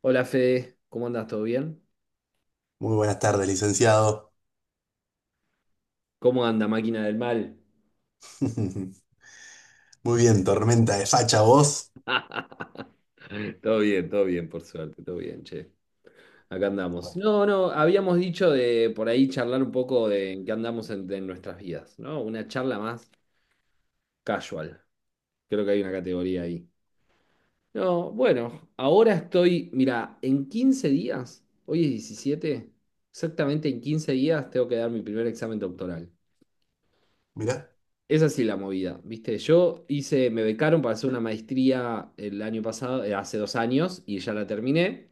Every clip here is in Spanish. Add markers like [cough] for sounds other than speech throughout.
Hola Fede, ¿cómo andas? ¿Todo bien? Muy buenas tardes, licenciado. ¿Cómo anda, máquina del mal? [laughs] Muy bien, tormenta de facha vos. [laughs] Todo bien, por suerte, todo bien, che. Acá andamos. Bueno, No, no, habíamos dicho de por ahí charlar un poco de en qué andamos en nuestras vidas, ¿no? Una charla más casual. Creo que hay una categoría ahí. No, bueno, ahora estoy, mira, en 15 días, hoy es 17, exactamente en 15 días tengo que dar mi primer examen doctoral. mirá, Es así la movida, ¿viste? Yo hice, me becaron para hacer una maestría el año pasado, hace 2 años, y ya la terminé,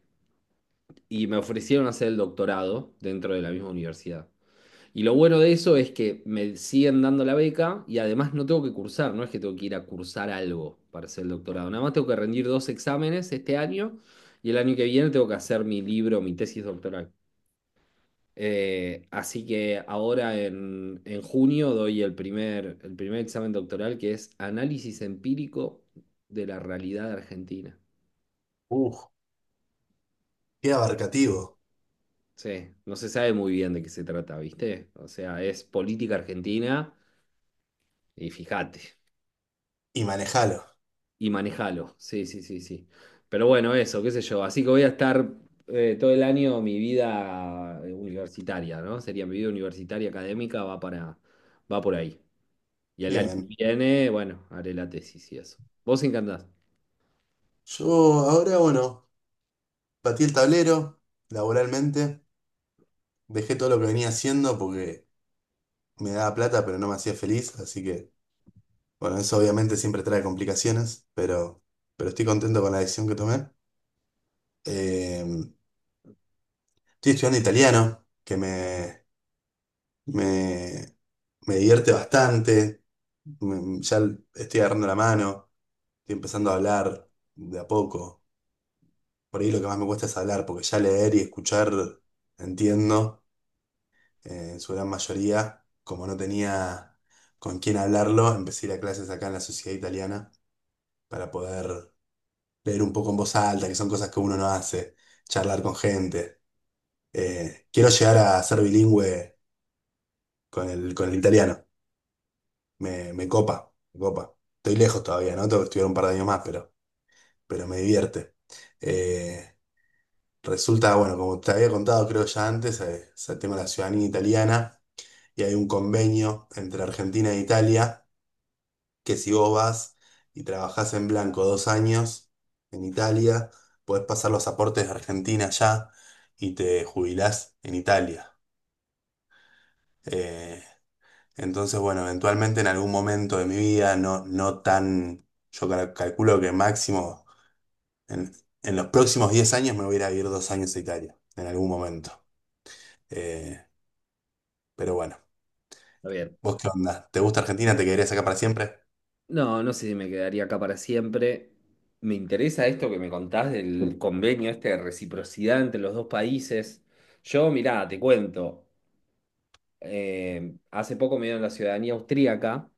y me ofrecieron hacer el doctorado dentro de la misma universidad. Y lo bueno de eso es que me siguen dando la beca y además no tengo que cursar, no es que tengo que ir a cursar algo para hacer el doctorado, nada más tengo que rendir dos exámenes este año y el año que viene tengo que hacer mi libro, mi tesis doctoral. Así que ahora en junio doy el primer examen doctoral que es Análisis Empírico de la Realidad Argentina. uh, qué abarcativo. Sí, no se sabe muy bien de qué se trata, ¿viste? O sea, es política argentina y fíjate, Y manejalo. y manejalo. Sí, sí, sí, sí. Pero bueno, eso, qué sé yo. Así que voy a estar todo el año mi vida universitaria, ¿no? Sería mi vida universitaria académica, va por ahí. Y el año Bien. que viene, bueno, haré la tesis y eso. ¿Vos encantás? Yo ahora, bueno, batí el tablero laboralmente. Dejé todo lo que venía haciendo porque me daba plata, pero no me hacía feliz. Así que, bueno, eso obviamente siempre trae complicaciones, pero estoy contento con la decisión que tomé. Eh, estoy estudiando italiano, que me, me divierte bastante. Ya estoy agarrando la mano, estoy empezando a hablar de a poco. Por ahí lo que más me cuesta es hablar, porque ya leer y escuchar entiendo en su gran mayoría. Como no tenía con quién hablarlo, empecé a ir a clases acá en la Sociedad Italiana para poder leer un poco en voz alta, que son cosas que uno no hace, charlar con gente. Quiero llegar a ser bilingüe con el italiano. Me copa, me copa. Estoy lejos todavía, ¿no? Tengo que estudiar un par de años más, pero me divierte. Eh, resulta, bueno, como te había contado creo ya antes, es el tema de la ciudadanía italiana y hay un convenio entre Argentina e Italia que si vos vas y trabajás en blanco 2 años en Italia, podés pasar los aportes de Argentina ya y te jubilás en Italia. Eh, entonces, bueno, eventualmente en algún momento de mi vida, no, no tan, yo calculo que máximo En, en los próximos 10 años me voy a ir a vivir 2 años a Italia, en algún momento. Eh, pero bueno, Está bien. ¿vos qué onda? ¿Te gusta Argentina? ¿Te quedarías acá para siempre? No, no sé si me quedaría acá para siempre. Me interesa esto que me contás del convenio este de reciprocidad entre los dos países. Yo, mirá, te cuento. Hace poco me dieron la ciudadanía austríaca.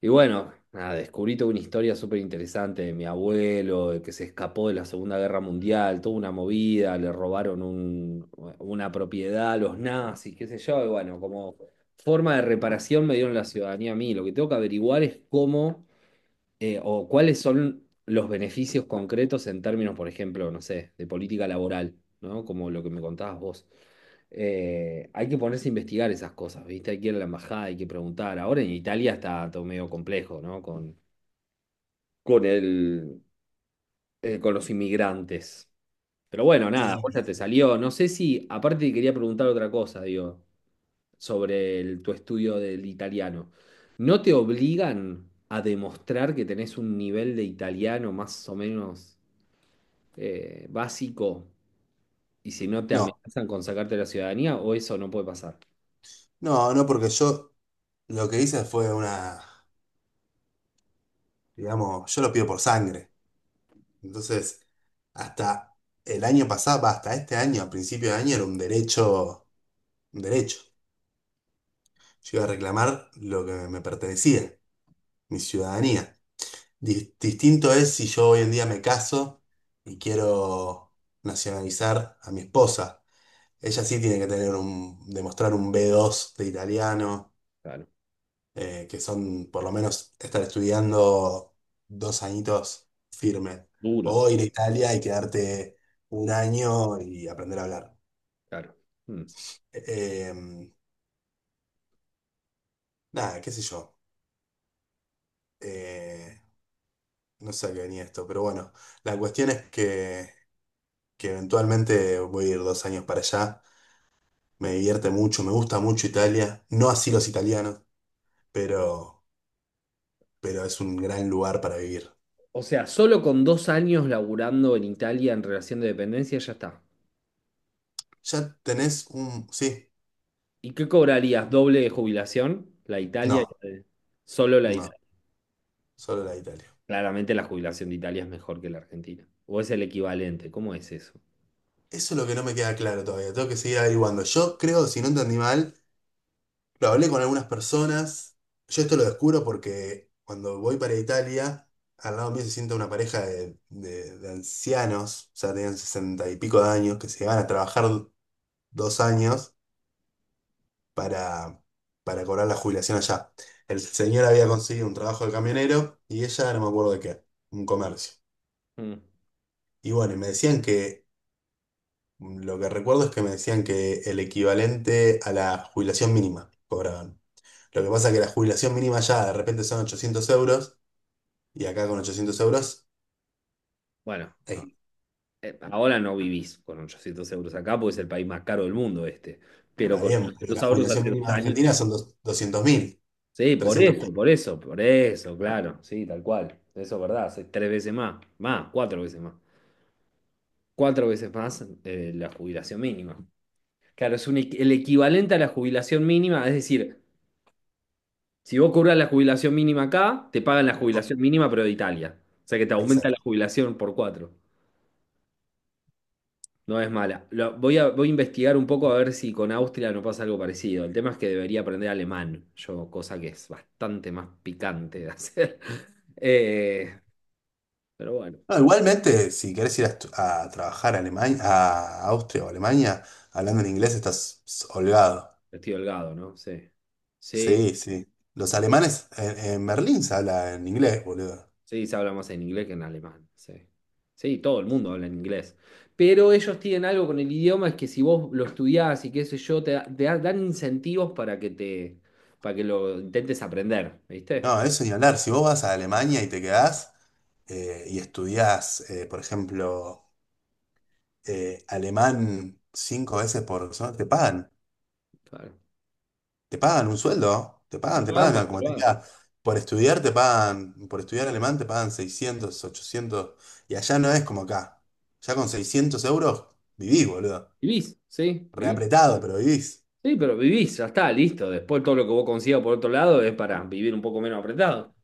Y bueno, nada, descubrí toda una historia súper interesante de mi abuelo, de que se escapó de la Segunda Guerra Mundial, toda una movida, le robaron una propiedad a los nazis, qué sé yo, y bueno, como forma de reparación me dieron la ciudadanía a mí. Lo que tengo que averiguar es cómo o cuáles son los beneficios concretos en términos, por ejemplo, no sé, de política laboral, ¿no? Como lo que me contabas vos. Hay que ponerse a investigar esas cosas, ¿viste? Hay que ir a la embajada, hay que preguntar. Ahora en Italia está todo medio complejo, ¿no? Con el, con los inmigrantes. Pero bueno, nada, vos ya Y te salió. No sé si, aparte te quería preguntar otra cosa, digo sobre tu estudio del italiano, ¿no te obligan a demostrar que tenés un nivel de italiano más o menos básico y si no te no, amenazan con sacarte la ciudadanía o eso no puede pasar? no, no, porque yo lo que hice fue una, digamos, yo lo pido por sangre. Entonces, hasta el año pasado, va, hasta este año, a principio de año, era un derecho, un derecho. Yo iba a reclamar lo que me pertenecía, mi ciudadanía. Distinto es si yo hoy en día me caso y quiero nacionalizar a mi esposa. Ella sí tiene que tener demostrar un B2 de italiano, Claro, que son por lo menos estar estudiando 2 añitos firme. duro, O ir a Italia y quedarte un año y aprender a hablar. claro. Mm. Eh, em, nada, qué sé yo. Eh, no sé a qué venía esto, pero bueno, la cuestión es que eventualmente voy a ir 2 años para allá. Me divierte mucho, me gusta mucho Italia. No así los italianos, pero, pero es un gran lugar para vivir. O sea, solo con 2 años laburando en Italia en relación de dependencia ya está. ¿Ya tenés un? Sí, ¿Y qué cobrarías? ¿Doble de jubilación? La Italia, no, solo la de no, Italia. solo la de Italia. Claramente la jubilación de Italia es mejor que la Argentina. ¿O es el equivalente? ¿Cómo es eso? Eso es lo que no me queda claro todavía. Tengo que seguir averiguando. Yo creo, si no entendí mal, lo hablé con algunas personas. Yo esto lo descubro porque cuando voy para Italia, al lado mío se sienta una pareja de ancianos, o sea, tenían sesenta y pico de años, que se van a trabajar 2 años para, para cobrar la jubilación allá. El señor había conseguido un trabajo de camionero y ella no me acuerdo de qué, un comercio. Mm. Y bueno, y me decían que, lo que recuerdo es que me decían que el equivalente a la jubilación mínima cobraban. Lo que pasa es que la jubilación mínima ya de repente son 800 euros y acá con 800 euros, Bueno, eh, ahora no vivís con 800 euros acá porque es el país más caro del mundo este. Pero está con bien, pero 800 la euros jubilación hace dos mínima de años. Argentina son dos 200.000 Sí, por 300 eso, por eso, por eso, claro. Sí, tal cual. Eso es verdad. Hace tres veces más. Más, cuatro veces más. Cuatro veces más la jubilación mínima. Claro, es el equivalente a la jubilación mínima. Es decir, si vos cobras la jubilación mínima acá, te pagan la 300.000. jubilación mínima, pero de Italia. O sea que te aumenta la jubilación por cuatro. No es mala. Voy a investigar un poco a ver si con Austria no pasa algo parecido. El tema es que debería aprender alemán, yo, cosa que es bastante más picante de hacer. [laughs] Eh, pero bueno, No, igualmente, si querés ir a trabajar a Alemania, a Austria o Alemania, hablando en inglés estás holgado. estoy holgado, ¿no? Sí. Sí, Sí, sí. Los alemanes en Berlín se habla en inglés, boludo. sí, se habla más en inglés que en alemán. Sí. Sí, todo el mundo habla en inglés. Pero ellos tienen algo con el idioma, es que si vos lo estudiás y qué sé yo, te dan incentivos para que lo intentes aprender, ¿viste? No, eso ni hablar. Si vos vas a Alemania y te quedás y estudiás, por ejemplo, alemán 5 veces por semana, te pagan. Claro. Te pagan un sueldo, te Te pagan, te pagan para pagan, que como lo te hagas. diga, por estudiar te pagan, por estudiar alemán te pagan 600 800 y allá no es como acá. Ya con 600 euros vivís, boludo. Vivís. Reapretado, pero vivís. Sí, pero vivís, ya está, listo. Después todo lo que vos consigas por otro lado es para vivir un poco menos apretado.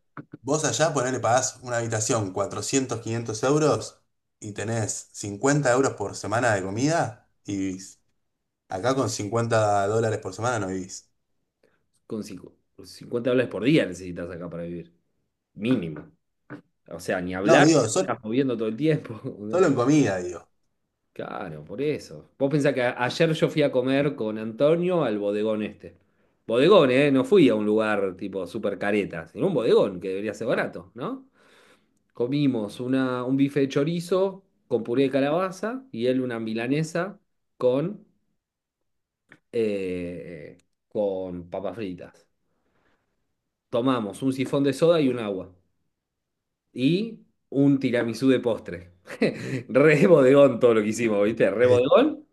Vos allá ponele, pagás una habitación 400 500 euros y tenés 50 euros por semana de comida y vivís. Acá con $50 por semana no vivís. Con cincu- 50 dólares por día necesitas acá para vivir. Mínimo. O sea, ni No, hablar, digo, sol- estás moviendo todo el tiempo. solo, [laughs] en comida, digo. Claro, por eso. Vos pensás que ayer yo fui a comer con Antonio al bodegón este. Bodegón, ¿eh? No fui a un lugar tipo super careta, sino un bodegón que debería ser barato, ¿no? Comimos un bife de chorizo con puré de calabaza y él una milanesa con, eh, con papas fritas. Tomamos un sifón de soda y un agua. Y un tiramisú de postre. [laughs] Re bodegón todo lo que hicimos, ¿viste? Re Eh, bodegón.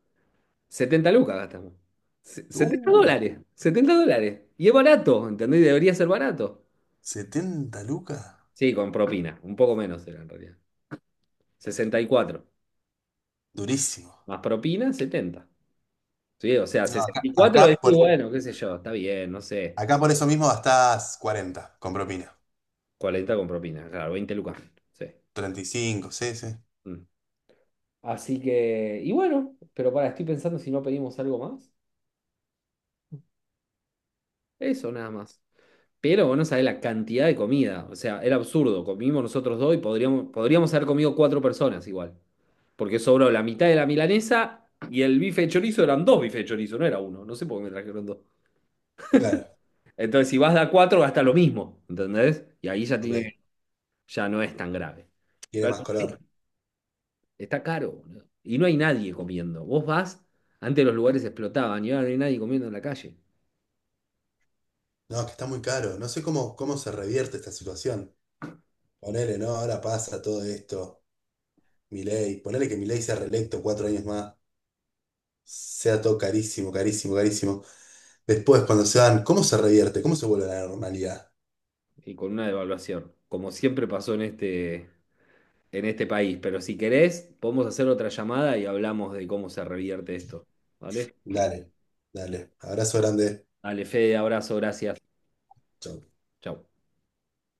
70 lucas gastamos. 70 uh, dólares. 70 dólares. Y es barato, ¿entendés? Debería ser barato. 70 lucas. Sí, con propina. Un poco menos era en realidad. 64. Durísimo. Más propina, 70. Sí, o sea, No, acá, 64 acá decís, por, bueno, qué sé yo, está bien, no sé. acá por eso mismo gastás 40 con propina. 40 con propina, claro, 20 lucas. Sí. 35 sí, sí. Mm. Así que, y bueno, pero estoy pensando si no pedimos algo más. Eso nada más. Pero vos no sabés la cantidad de comida. O sea, era absurdo. Comimos nosotros dos y podríamos haber comido cuatro personas igual. Porque sobró la mitad de la milanesa y el bife de chorizo eran dos bifes de chorizo, no era uno. No sé por qué me trajeron dos. Claro, Entonces, si vas de a cuatro, gasta lo mismo. ¿Entendés? Y ahí ya ok. tiene, ya no es tan grave. Tiene más color. Está caro, boludo. Y no hay nadie comiendo. Vos vas, antes los lugares explotaban y ahora no hay nadie comiendo en la calle. No, es que está muy caro. No sé cómo se revierte esta situación. Ponele, ¿no? Ahora pasa todo esto. Milei. Ponele que Milei sea reelecto 4 años más. Sea todo carísimo, carísimo, carísimo. Después, cuando se dan, ¿cómo se revierte? ¿Cómo se vuelve a la normalidad? Y con una devaluación, como siempre pasó en este país. Pero si querés, podemos hacer otra llamada y hablamos de cómo se revierte esto. ¿Vale? Dale, dale. Abrazo grande. Dale, Fede, abrazo, gracias. Chau. Chau.